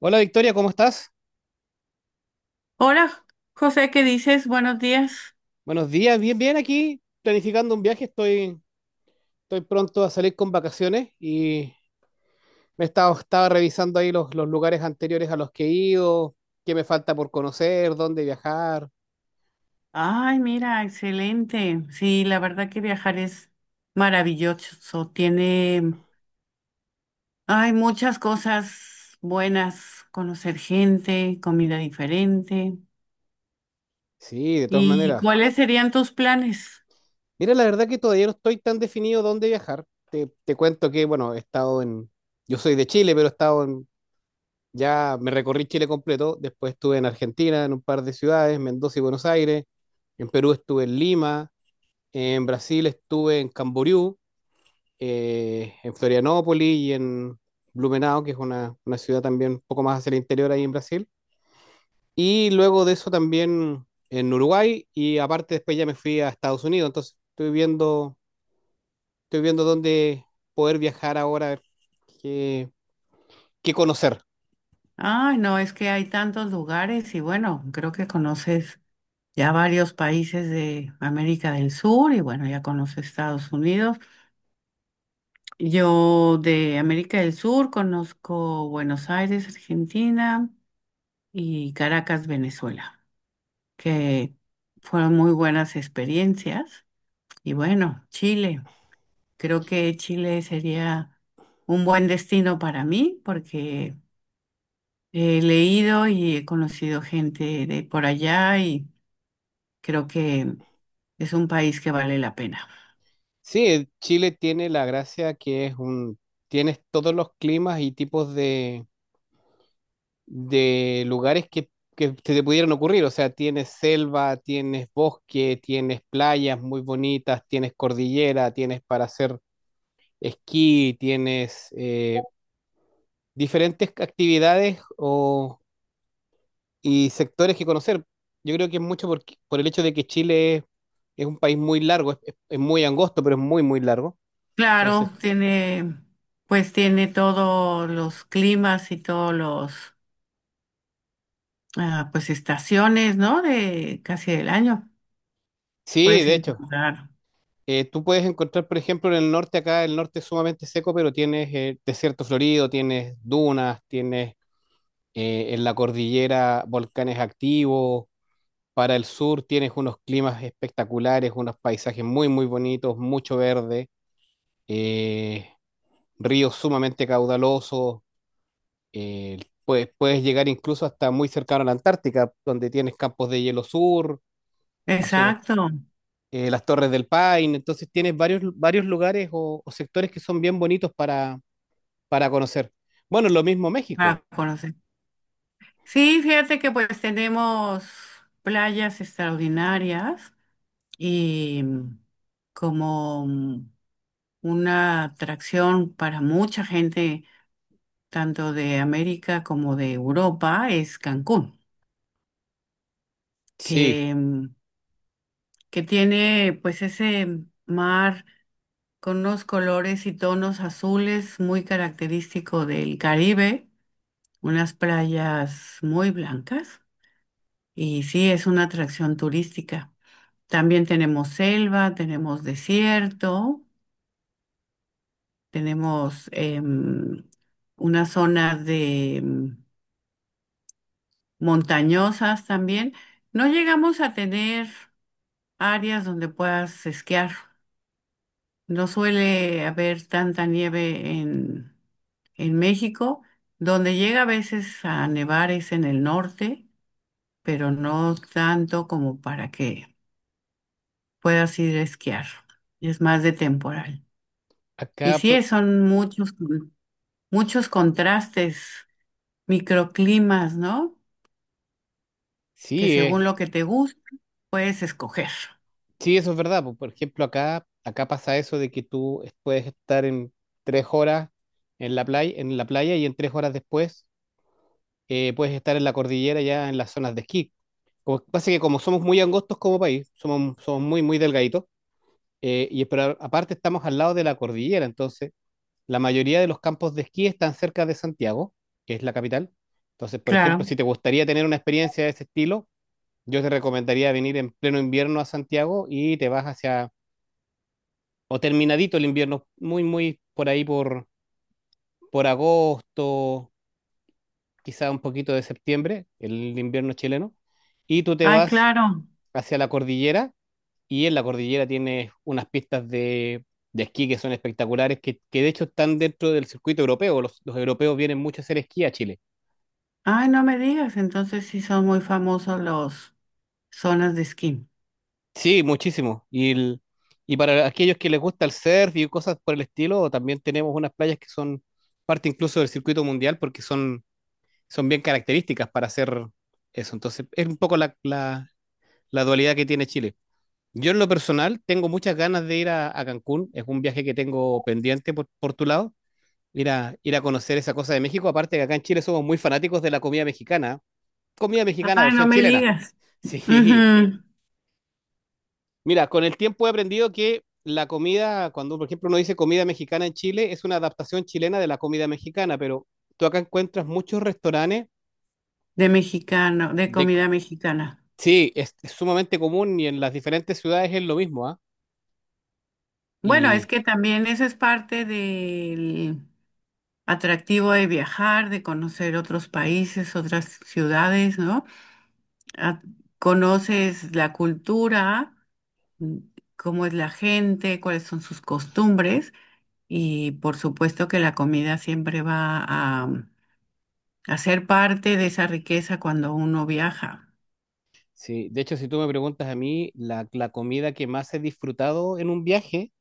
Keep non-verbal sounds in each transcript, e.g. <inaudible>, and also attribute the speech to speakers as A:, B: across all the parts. A: Hola Victoria, ¿cómo estás?
B: Hola, José, ¿qué dices? Buenos días.
A: Buenos días, bien, bien aquí, planificando un viaje, estoy pronto a salir con vacaciones y estaba revisando ahí los lugares anteriores a los que he ido, qué me falta por conocer, dónde viajar.
B: Ay, mira, excelente. Sí, la verdad que viajar es maravilloso. Hay muchas cosas buenas, conocer gente, comida diferente.
A: Sí, de todas
B: ¿Y
A: maneras.
B: cuáles serían tus planes?
A: Mira, la verdad que todavía no estoy tan definido dónde viajar. Te cuento que, bueno, he estado en, yo soy de Chile, pero he estado en, ya me recorrí Chile completo, después estuve en Argentina, en un par de ciudades, Mendoza y Buenos Aires, en Perú estuve en Lima. En Brasil estuve en Camboriú, en Florianópolis y en Blumenau, que es una ciudad también un poco más hacia el interior ahí en Brasil. Y luego de eso también en Uruguay y aparte después ya me fui a Estados Unidos. Estoy viendo dónde poder viajar ahora, a ver qué, qué conocer.
B: Ay, no, es que hay tantos lugares y bueno, creo que conoces ya varios países de América del Sur y bueno, ya conoces Estados Unidos. Yo de América del Sur conozco Buenos Aires, Argentina y Caracas, Venezuela, que fueron muy buenas experiencias. Y bueno, Chile. Creo que Chile sería un buen destino para mí porque he leído y he conocido gente de por allá y creo que es un país que vale la pena.
A: Sí, Chile tiene la gracia que es un, tienes todos los climas y tipos de lugares que se te pudieran ocurrir. O sea, tienes selva, tienes bosque, tienes playas muy bonitas, tienes cordillera, tienes para hacer esquí, tienes diferentes actividades y sectores que conocer. Yo creo que es mucho por el hecho de que es un país muy largo, es muy angosto, pero es muy, muy largo.
B: Claro,
A: Entonces,
B: pues tiene todos los climas y todos los pues estaciones, ¿no? De casi del año
A: sí,
B: puedes
A: de hecho,
B: encontrar.
A: Tú puedes encontrar, por ejemplo, en el norte, acá el norte es sumamente seco, pero tienes desierto florido, tienes dunas, tienes en la cordillera volcanes activos. Para el sur tienes unos climas espectaculares, unos paisajes muy, muy bonitos, mucho verde, eh, ríos sumamente caudalosos. eh, puedes llegar incluso hasta muy cercano a la Antártica, donde tienes campos de hielo sur. A su
B: Exacto,
A: las Torres del Paine, entonces tienes varios lugares o sectores que son bien bonitos para conocer. Bueno, lo mismo México.
B: para conocer. Sí, fíjate que pues tenemos playas extraordinarias y como una atracción para mucha gente, tanto de América como de Europa, es Cancún,
A: Sí,
B: que, mm, que tiene pues ese mar con unos colores y tonos azules muy característico del Caribe, unas playas muy blancas y sí, es una atracción turística. También tenemos selva, tenemos desierto, tenemos unas zonas de montañosas también. No llegamos a tener áreas donde puedas esquiar. No suele haber tanta nieve en México. Donde llega a veces a nevar es en el norte, pero no tanto como para que puedas ir a esquiar. Es más de temporal. Y
A: acá,
B: sí,
A: pro-
B: son muchos, muchos contrastes, microclimas, ¿no? Que
A: sí,
B: según lo que te gusta, puedes escoger.
A: sí, eso es verdad. Po. Por ejemplo, acá pasa eso de que puedes estar en tres horas en la playa y en tres horas después, puedes estar en la cordillera ya en las zonas de esquí. Como, pasa que como somos muy angostos como país, somos muy, muy delgaditos, pero aparte estamos al lado de la cordillera, entonces la mayoría de los campos de esquí están cerca de Santiago, que es la capital. Entonces, por ejemplo,
B: Claro.
A: si te gustaría tener una experiencia de ese estilo, yo te recomendaría venir en pleno invierno a Santiago y te vas hacia, o terminadito el invierno, muy, muy por ahí por agosto, quizá un poquito de septiembre, el invierno chileno, y tú te
B: Ay,
A: vas
B: claro.
A: hacia la cordillera y en la cordillera tienes unas pistas de esquí que son espectaculares, que de hecho están dentro del circuito europeo. Los europeos vienen mucho a hacer esquí a Chile.
B: Ay, no me digas. Entonces sí son muy famosos los zonas de esquí.
A: Sí, muchísimo. Y para aquellos que les gusta el surf y cosas por el estilo, también tenemos unas playas que son parte incluso del circuito mundial porque son bien características para hacer eso. Entonces, es un poco la dualidad que tiene Chile. Yo en lo personal tengo muchas ganas de ir a Cancún. Es un viaje que tengo pendiente por tu lado. Ir ir a conocer esa cosa de México. Aparte que acá en Chile somos muy fanáticos de la comida mexicana. Comida mexicana
B: Ay, no
A: versión
B: me
A: chilena.
B: digas.
A: <laughs> Sí.
B: Ujú.
A: Mira, con el tiempo he aprendido que la comida, cuando por ejemplo uno dice comida mexicana en Chile, es una adaptación chilena de la comida mexicana, pero tú acá encuentras muchos restaurantes
B: De
A: de...
B: comida mexicana.
A: Sí, es sumamente común y en las diferentes ciudades es lo mismo, ¿ah?
B: Bueno, es
A: Y
B: que también eso es parte del atractivo de viajar, de conocer otros países, otras ciudades, ¿no? Ah, conoces la cultura, mm, cómo es la gente, cuáles son sus costumbres y por supuesto que la comida siempre va a, a ser parte de esa riqueza cuando uno viaja.
A: sí, de hecho, si tú me preguntas a mí, la comida que más he disfrutado en un viaje,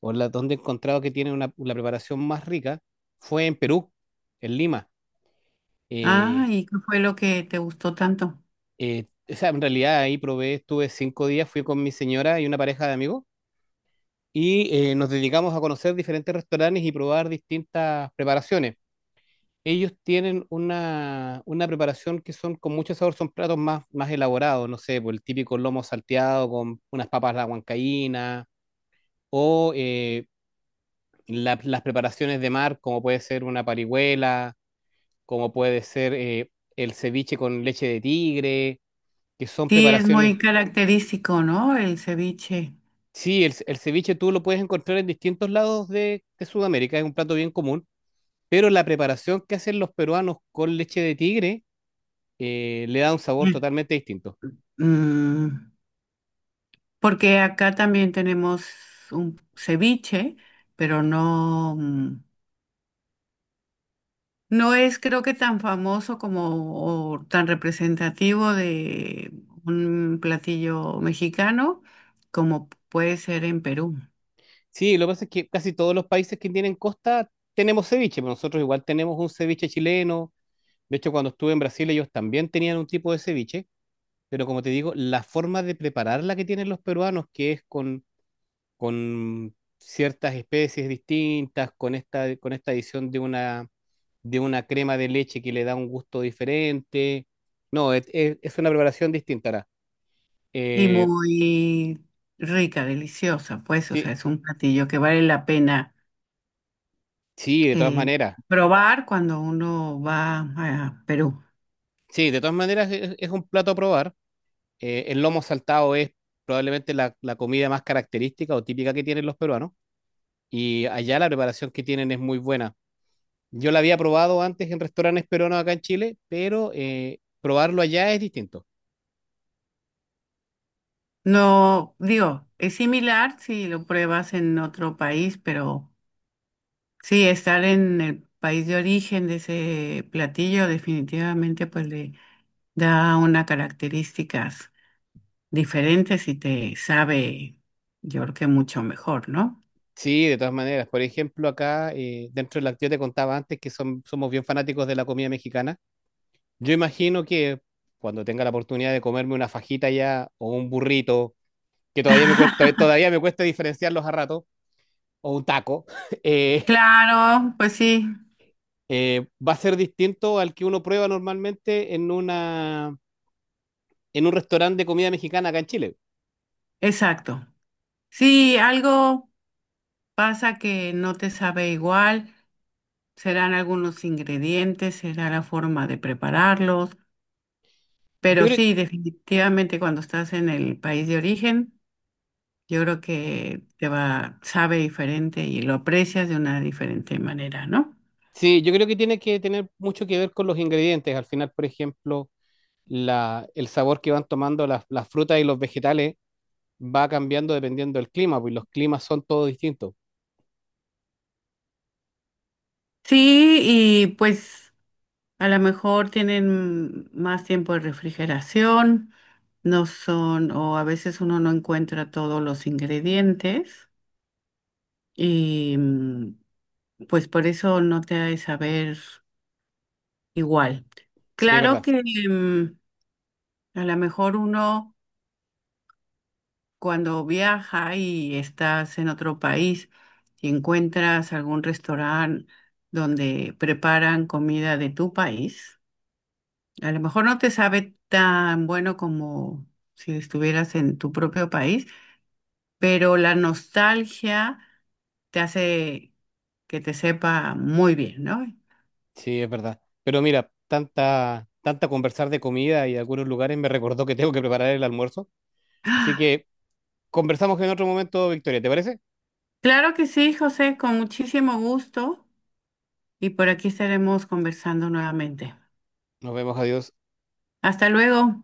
A: o la donde he encontrado que tiene una, la preparación más rica, fue en Perú, en Lima.
B: Ah,
A: Eh,
B: ¿y qué fue lo que te gustó tanto?
A: eh, o sea, en realidad ahí probé, estuve cinco días, fui con mi señora y una pareja de amigos y nos dedicamos a conocer diferentes restaurantes y probar distintas preparaciones. Ellos tienen una preparación que son con mucho sabor, son platos más elaborados, no sé, por el típico lomo salteado con unas papas a la huancaína o las preparaciones de mar, como puede ser una parihuela, como puede ser el ceviche con leche de tigre, que son
B: Sí, es
A: preparaciones.
B: muy característico, ¿no? El ceviche.
A: Sí, el ceviche tú lo puedes encontrar en distintos lados de Sudamérica, es un plato bien común. Pero la preparación que hacen los peruanos con leche de tigre, le da un sabor
B: Sí.
A: totalmente distinto.
B: Mm, Porque acá también tenemos un ceviche, pero no, no es creo que tan famoso como o tan representativo de un platillo mexicano como puede ser en Perú.
A: Sí, lo que pasa es que casi todos los países que tienen costa tenemos ceviche, pero nosotros igual tenemos un ceviche chileno. De hecho, cuando estuve en Brasil, ellos también tenían un tipo de ceviche, pero como te digo, la forma de prepararla que tienen los peruanos, que es con ciertas especies distintas, con con esta adición de de una crema de leche que le da un gusto diferente. No, es una preparación distinta. Ara.
B: Y
A: Eh,
B: muy rica, deliciosa, pues, o sea,
A: sí,
B: es un platillo que vale la pena
A: sí, de todas
B: eh,
A: maneras.
B: probar cuando uno va a Perú.
A: Sí, de todas maneras es un plato a probar. El lomo saltado es probablemente la comida más característica o típica que tienen los peruanos. Y allá la preparación que tienen es muy buena. Yo la había probado antes en restaurantes peruanos acá en Chile, pero probarlo allá es distinto.
B: No, digo, es similar si lo pruebas en otro país, pero sí, estar en el país de origen de ese platillo definitivamente pues le da unas características diferentes y te sabe, yo creo que mucho mejor, ¿no?
A: Sí, de todas maneras. Por ejemplo, acá dentro de la yo te contaba antes que somos bien fanáticos de la comida mexicana. Yo imagino que cuando tenga la oportunidad de comerme una fajita allá o un burrito que
B: <laughs>
A: todavía me cuesta diferenciarlos a rato, o un taco, <laughs> eh,
B: Claro, pues sí,
A: va a ser distinto al que uno prueba normalmente en en un restaurante de comida mexicana acá en Chile.
B: exacto. Si algo pasa que no te sabe igual, serán algunos ingredientes, será la forma de prepararlos.
A: Yo
B: Pero
A: creo,
B: sí, definitivamente cuando estás en el país de origen, yo creo que te va, sabe diferente y lo aprecias de una diferente manera, ¿no?
A: sí, yo creo que tiene que tener mucho que ver con los ingredientes. Al final, por ejemplo, el sabor que van tomando las frutas y los vegetales va cambiando dependiendo del clima, pues los climas son todos distintos.
B: Sí, y pues a lo mejor tienen más tiempo de refrigeración, no son, o a veces uno no encuentra todos los ingredientes y pues por eso no te ha de saber igual.
A: Sí, es
B: Claro
A: verdad,
B: que mm, a lo mejor uno, cuando viaja y estás en otro país y encuentras algún restaurante donde preparan comida de tu país, a lo mejor no te sabe tan bueno como si estuvieras en tu propio país, pero la nostalgia te hace que te sepa muy bien, ¿no?
A: sí, es verdad. Pero mira, tanta conversar de comida y de algunos lugares me recordó que tengo que preparar el almuerzo. Así
B: ¡Ah!
A: que conversamos en otro momento, Victoria, ¿te parece?
B: Claro que sí, José, con muchísimo gusto y por aquí estaremos conversando nuevamente.
A: Nos vemos, adiós.
B: Hasta luego.